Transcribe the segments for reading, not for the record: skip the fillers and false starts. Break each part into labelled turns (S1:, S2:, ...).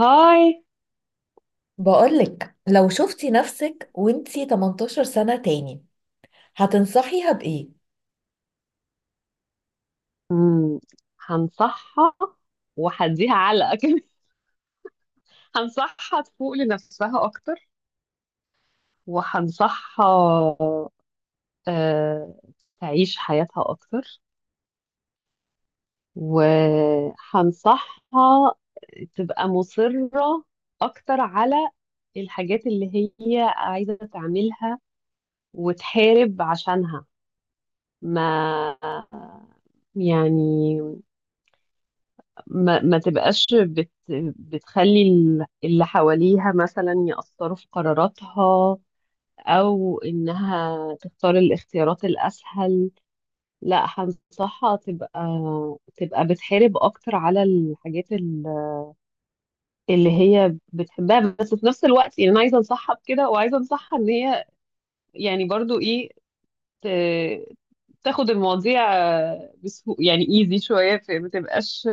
S1: هاي.
S2: بقولك لو شفتي نفسك وانتي 18 سنة تاني، هتنصحيها بإيه؟
S1: مم. هنصحها وهديها علقة كمان. هنصحها تفوق لنفسها أكتر، وهنصحها آه، تعيش حياتها أكتر، وهنصحها تبقى مصرة أكتر على الحاجات اللي هي عايزة تعملها وتحارب عشانها. ما يعني، ما تبقاش بتخلي اللي حواليها مثلا يأثروا في قراراتها، أو إنها تختار الاختيارات الأسهل. لا، هنصحها تبقى بتحارب أكتر على الحاجات اللي هي بتحبها. بس في نفس الوقت يعني أنا عايزة أنصحها بكده وعايزة أنصحها إن هي، يعني برضو إيه، ت- تاخد المواضيع بسهو، يعني ايزي شوية،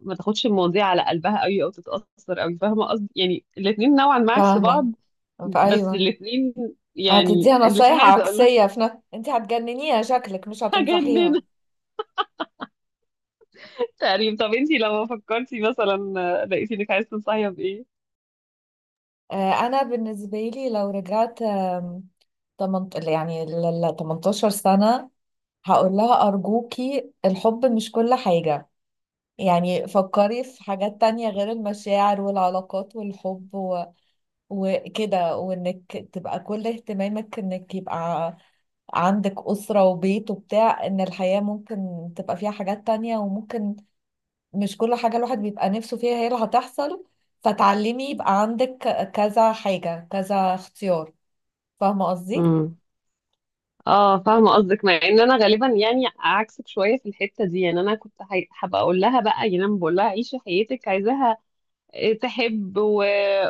S1: ما تاخدش المواضيع على قلبها قوي او تتأثر قوي. فاهمة قصدي؟ يعني الاتنين نوعا ما عكس بعض.
S2: فاهمة.
S1: بس
S2: أيوة،
S1: الاتنين، يعني
S2: هتديها
S1: الاتنين
S2: نصايح
S1: عايزة اقول لك
S2: عكسية في نفس. انت هتجننيها، شكلك مش
S1: حاجة اننا
S2: هتنصحيها.
S1: تقريبا. طب انتي لما فكرتي مثلا، لقيتي انك عايزة تنصحيها بايه؟
S2: أنا بالنسبة لي لو رجعت تمنت... يعني 18 سنة، هقول لها أرجوكي الحب مش كل حاجة. يعني فكري في حاجات تانية غير المشاعر والعلاقات والحب و... وكده، وإنك تبقى كل اهتمامك إنك يبقى عندك أسرة وبيت وبتاع. إن الحياة ممكن تبقى فيها حاجات تانية، وممكن مش كل حاجة الواحد بيبقى نفسه فيها هي اللي هتحصل. فتعلمي يبقى عندك كذا حاجة، كذا اختيار. فاهمة قصدي؟
S1: امم اه، فاهمة قصدك، مع ان انا غالبا يعني عكسك شوية في الحتة دي. يعني انا كنت حابة اقول لها بقى، يعني انا بقول لها عيشي حياتك عايزاها، تحب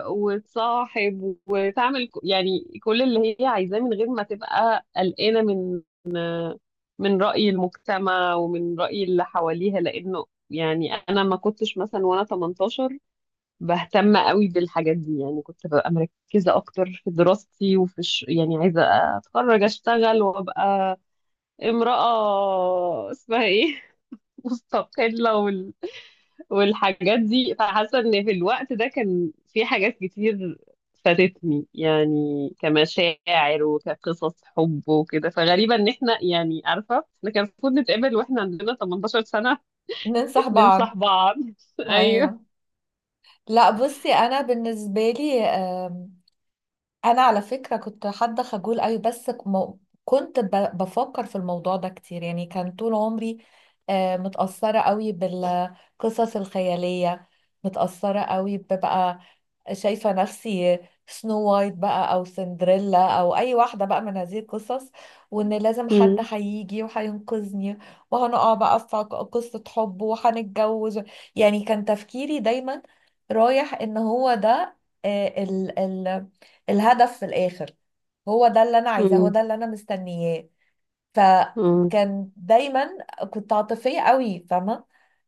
S1: وتصاحب وتعمل يعني كل اللي هي عايزاه، من غير ما تبقى قلقانة من رأي المجتمع ومن رأي اللي حواليها. لأنه يعني أنا ما كنتش مثلا وأنا 18 بهتم قوي بالحاجات دي، يعني كنت ببقى مركزة أكتر في دراستي وفي يعني عايزة أتخرج أشتغل وأبقى امرأة اسمها إيه مستقلة والحاجات دي. فحاسه ان في الوقت ده كان في حاجات كتير فاتتني، يعني كمشاعر وكقصص حب وكده. فغريبه ان احنا، يعني عارفه، احنا كان المفروض نتقابل واحنا عندنا 18 سنه.
S2: ننصح
S1: ننصح
S2: بعض.
S1: بعض. ايوه.
S2: أيوه. لا بصي، أنا بالنسبة لي أنا على فكرة كنت حد خجول أوي، بس كنت بفكر في الموضوع ده كتير. يعني كان طول عمري متأثرة أوي بالقصص الخيالية، متأثرة قوي، ببقى شايفة نفسي سنو وايت بقى، أو سندريلا، أو أي واحدة بقى من هذه القصص. وإن لازم حد
S1: امم
S2: هيجي وهينقذني، وهنقع بقى في قصة حب وهنتجوز. يعني كان تفكيري دايما رايح إن هو ده، ال الهدف في الآخر، هو ده اللي أنا عايزاه، هو
S1: امم
S2: ده اللي أنا مستنياه.
S1: امم
S2: فكان دايما كنت عاطفية قوي، فاهمة.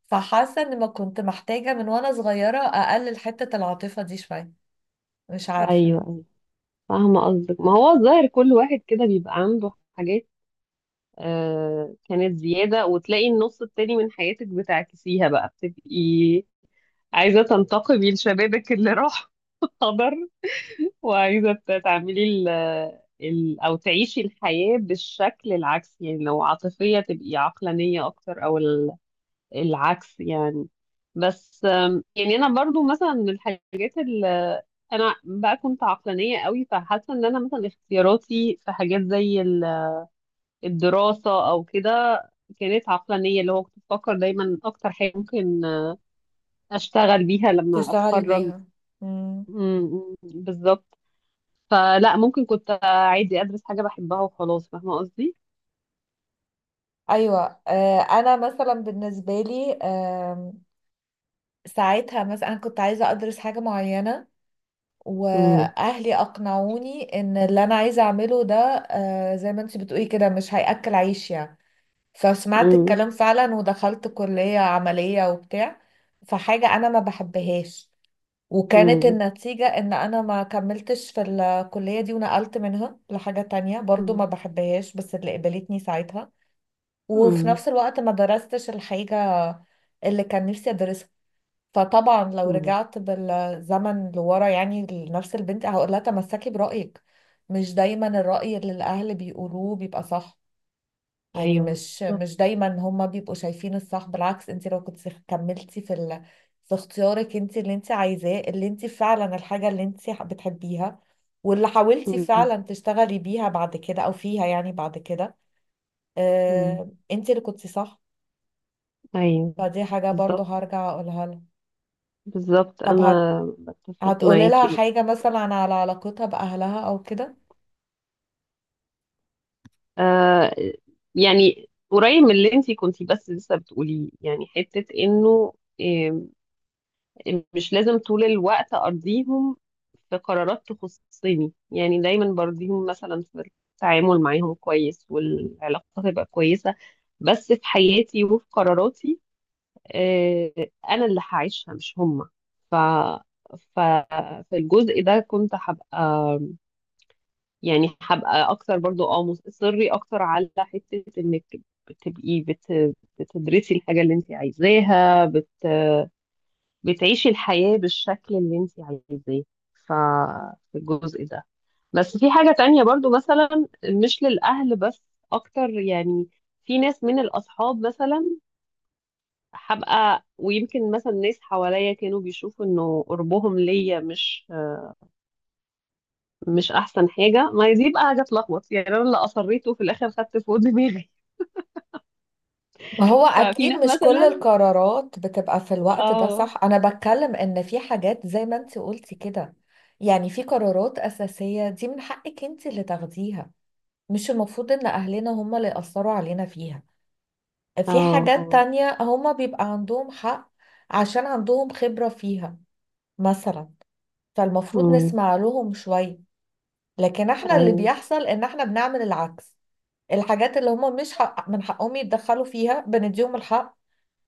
S2: فحاسة إن ما كنت محتاجة من وأنا صغيرة أقلل حتة العاطفة دي شوية، مش عارفة.
S1: ايوه. فاهمه قصدك. ما هو الظاهر كل واحد كده بيبقى عنده حاجات كانت زياده، وتلاقي النص التاني من حياتك بتعكسيها بقى، بتبقي عايزه تنتقمي لشبابك اللي راح خبر، وعايزة تعملي ال ال أو تعيشي الحياة بالشكل العكس. يعني لو عاطفية تبقي عقلانية أكتر، أو العكس يعني. بس يعني أنا برضو مثلا من الحاجات اللي أنا بقى كنت عقلانية قوي، فحاسة إن أنا مثلا اختياراتي في حاجات زي الدراسة أو كده كانت عقلانية، اللي هو كنت بفكر دايما أكتر حاجة ممكن أشتغل بيها لما
S2: تشتغلي
S1: أتخرج.
S2: بيها. مم.
S1: بالظبط. فلا، ممكن كنت عادي ادرس حاجه بحبها وخلاص. فاهمه قصدي؟
S2: أيوة. آه، أنا مثلا بالنسبة لي، آه، ساعتها مثلا أنا كنت عايزة أدرس حاجة معينة،
S1: مم.
S2: وأهلي أقنعوني إن اللي أنا عايزة أعمله ده، آه زي ما أنت بتقولي كده، مش هيأكل عيش يعني. فسمعت
S1: مم.
S2: الكلام فعلا ودخلت كلية عملية وبتاع. فحاجة أنا ما بحبهاش. وكانت
S1: مم.
S2: النتيجة ان انا ما كملتش في الكلية دي، ونقلت منها لحاجة تانية برضو ما
S1: مم.
S2: بحبهاش، بس اللي قبلتني ساعتها. وفي
S1: مم.
S2: نفس الوقت ما درستش الحاجة اللي كان نفسي ادرسها. فطبعا لو
S1: مم.
S2: رجعت بالزمن لورا، يعني لنفس البنت، هقول لها تمسكي برأيك. مش دايما الرأي اللي الاهل بيقولوه بيبقى صح. يعني
S1: ايوه
S2: مش
S1: بالظبط.
S2: مش دايما هما بيبقوا شايفين الصح. بالعكس، انت لو كنت كملتي في ال... في اختيارك، انت اللي انت عايزاه، اللي انت فعلا الحاجة اللي انت بتحبيها، واللي حاولتي
S1: مم.
S2: فعلا تشتغلي بيها بعد كده، او فيها يعني بعد كده،
S1: مم.
S2: اه... انت اللي كنت صح.
S1: ايوه
S2: فدي حاجة برضو
S1: بالظبط،
S2: هرجع اقولها لها.
S1: بالظبط،
S2: طب
S1: انا بتفق
S2: هتقولي لها
S1: معاكي.
S2: حاجة مثلا على علاقتها بأهلها او كده.
S1: آه، يعني قريب من اللي انتي كنتي بس لسه بتقوليه، يعني حتة انه آه، مش لازم طول الوقت ارضيهم في قرارات تخصني. يعني دايما برضيهم مثلا في التعامل معاهم كويس والعلاقة تبقى كويسة، بس في حياتي وفي قراراتي، آه، انا اللي هعيشها مش هما. ف ف في الجزء ده كنت هبقى، يعني هبقى اكتر برضو، مصري اكتر على حتة انك تبقي بتدرسي الحاجة اللي انت عايزاها، بتعيشي الحياة بالشكل اللي انت عايزاه. ففي الجزء ده. بس في حاجة تانية برضو، مثلا مش للأهل بس، أكتر يعني. في ناس من الأصحاب مثلا هبقى، ويمكن مثلا ناس حواليا كانوا بيشوفوا إنه قربهم ليا مش أحسن حاجة. ما هي دي بقى حاجة تلخبط. يعني أنا اللي أصريته في الآخر خدت فوق دماغي.
S2: ما هو
S1: ففي
S2: اكيد
S1: ناس
S2: مش كل
S1: مثلا
S2: القرارات بتبقى في الوقت ده
S1: اه.
S2: صح. انا بتكلم ان في حاجات زي ما انت قلتي كده، يعني في قرارات اساسية دي من حقك انت اللي تاخديها، مش المفروض ان اهلنا هم اللي يأثروا علينا فيها. في
S1: اه.
S2: حاجات
S1: اه.
S2: تانية هم بيبقى عندهم حق، عشان عندهم خبرة فيها مثلا، فالمفروض
S1: امم.
S2: نسمع لهم شوية. لكن احنا اللي
S1: ايوه.
S2: بيحصل ان احنا بنعمل العكس. الحاجات اللي هم مش حق من حقهم يتدخلوا فيها بنديهم الحق،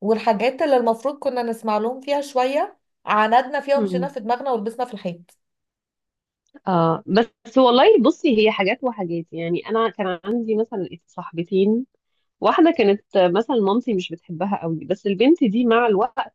S2: والحاجات اللي المفروض كنا نسمع لهم فيها شوية عاندنا فيها ومشينا في دماغنا ولبسنا في الحيط.
S1: اه. بس والله بصي، هي حاجات وحاجات. يعني انا كان عندي مثلا صاحبتين: واحده كانت مثلا مامتي مش بتحبها قوي، بس البنت دي مع الوقت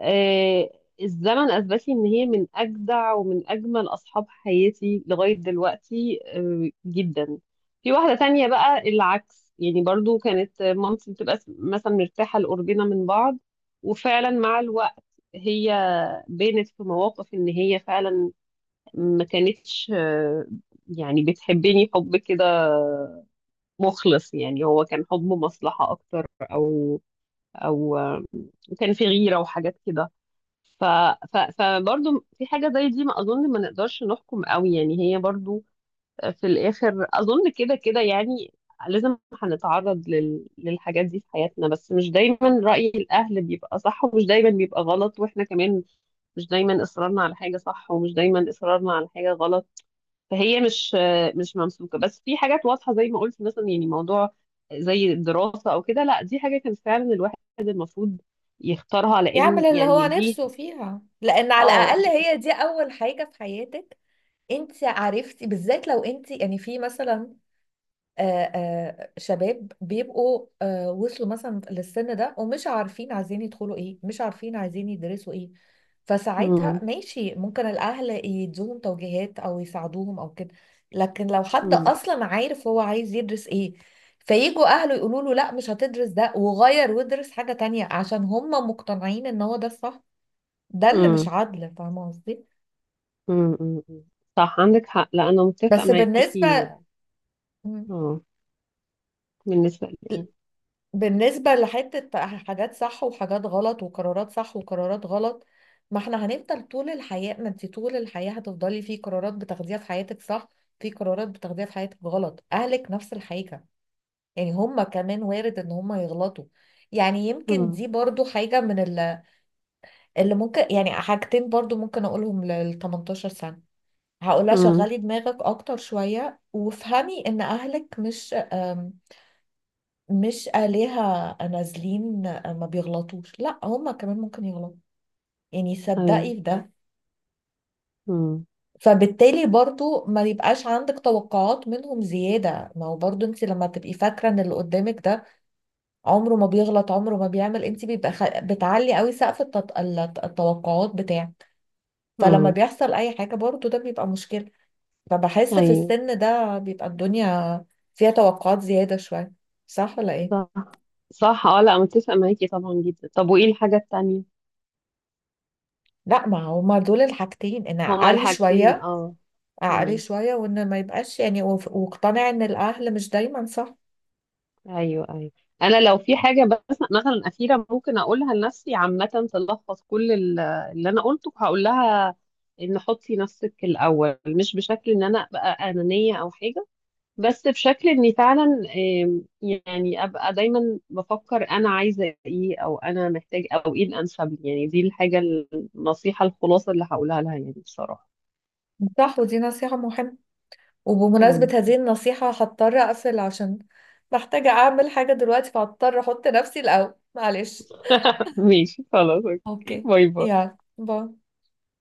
S1: آه الزمن اثبت لي ان هي من اجدع ومن اجمل اصحاب حياتي لغايه دلوقتي، جدا. في واحده تانية بقى العكس. يعني برضو كانت مامتي بتبقى مثلا مرتاحه لقربنا من بعض، وفعلا مع الوقت هي بانت في مواقف ان هي فعلا ما كانتش يعني بتحبني حب كده مخلص. يعني هو كان حب مصلحة أكتر، أو كان في غيرة وحاجات كده. ف ف فبرضه في حاجة زي دي ما أظن ما نقدرش نحكم قوي، يعني هي برضه في الآخر أظن كده كده يعني. لازم هنتعرض للحاجات دي في حياتنا. بس مش دايما رأي الأهل بيبقى صح ومش دايما بيبقى غلط، وإحنا كمان مش دايما إصرارنا على حاجة صح ومش دايما إصرارنا على حاجة غلط. فهي مش ممسوكه. بس في حاجات واضحه زي ما قلت مثلا، يعني موضوع زي الدراسه او كده، لا دي حاجه كان فعلا الواحد المفروض يختارها،
S2: يعمل
S1: لان
S2: اللي هو
S1: يعني دي
S2: نفسه فيها، لأن على
S1: اه.
S2: الأقل هي دي أول حاجة في حياتك انت عرفتي بالذات. لو انت يعني في مثلا، شباب بيبقوا، وصلوا مثلا للسن ده ومش عارفين عايزين يدخلوا ايه، مش عارفين عايزين يدرسوا ايه، فساعتها
S1: مم.
S2: ماشي، ممكن الاهل يدوهم توجيهات او يساعدوهم او كده. لكن لو حد
S1: مم.
S2: اصلا عارف هو عايز يدرس ايه، فيجوا اهله يقولوا له لا مش هتدرس ده وغير وادرس حاجة تانية عشان هم مقتنعين ان هو ده الصح، ده اللي مش
S1: مم.
S2: عدل. فاهمة قصدي؟
S1: مم. مم. صح، عندك حق. لا، انا متفقه
S2: بس
S1: معاكي.
S2: بالنسبة. مم.
S1: مم. بالنسبه لي.
S2: بالنسبة لحتة حاجات صح وحاجات غلط، وقرارات صح وقرارات غلط، ما احنا هنفضل طول الحياة. ما انت طول الحياة هتفضلي في قرارات بتاخديها في حياتك صح، في قرارات بتاخديها في حياتك غلط. اهلك نفس الحاجة، يعني هما كمان وارد ان هما يغلطوا. يعني يمكن دي
S1: مم.
S2: برضو حاجة من اللي ممكن، يعني حاجتين برضو ممكن اقولهم لل 18 سنة. هقولها
S1: مم.
S2: شغلي دماغك اكتر شوية، وافهمي ان اهلك مش آلهة نازلين، ما بيغلطوش. لا، هما كمان ممكن يغلطوا، يعني
S1: ايوه.
S2: صدقي في ده.
S1: مم.
S2: فبالتالي برضو ما يبقاش عندك توقعات منهم زيادة. ما هو برضو انت لما تبقي فاكرة ان اللي قدامك ده عمره ما بيغلط عمره ما بيعمل، انت بيبقى بتعلي قوي سقف التوقعات بتاعك. فلما
S1: مم.
S2: بيحصل اي حاجة برضو ده بيبقى مشكلة. فبحس في
S1: ايوه.
S2: السن ده بيبقى الدنيا فيها توقعات زيادة شوية، صح ولا ايه؟
S1: صح. صح. اه، لا متفقه معاكي طبعا جدا. طب وايه الحاجه التانية؟
S2: لا، ما هما دول الحاجتين: انا
S1: هما
S2: عالي
S1: الحاجتين
S2: شوية
S1: اه.
S2: عقلي
S1: مم.
S2: شوية، وإن ما يبقاش يعني واقتنع إن الأهل مش دايما صح.
S1: ايوه، ايوه. انا لو في حاجه بس مثلا اخيره ممكن اقولها لنفسي عامه تلخص كل اللي انا قلته، هقول لها ان حطي نفسك الاول، مش بشكل ان انا ابقى انانيه او حاجه، بس بشكل اني فعلا يعني ابقى دايما بفكر انا عايزه ايه او انا محتاج او ايه الانسب لي. يعني دي الحاجه النصيحه الخلاصه اللي هقولها لها يعني بصراحه.
S2: صح، ودي نصيحة مهمة. وبمناسبة
S1: مم.
S2: هذه النصيحة هضطر أقفل، عشان محتاجة أعمل حاجة دلوقتي، فهضطر أحط نفسي الأول، معلش.
S1: ماشي، خلاص، اوكي،
S2: اوكي،
S1: باي باي.
S2: يلا باي.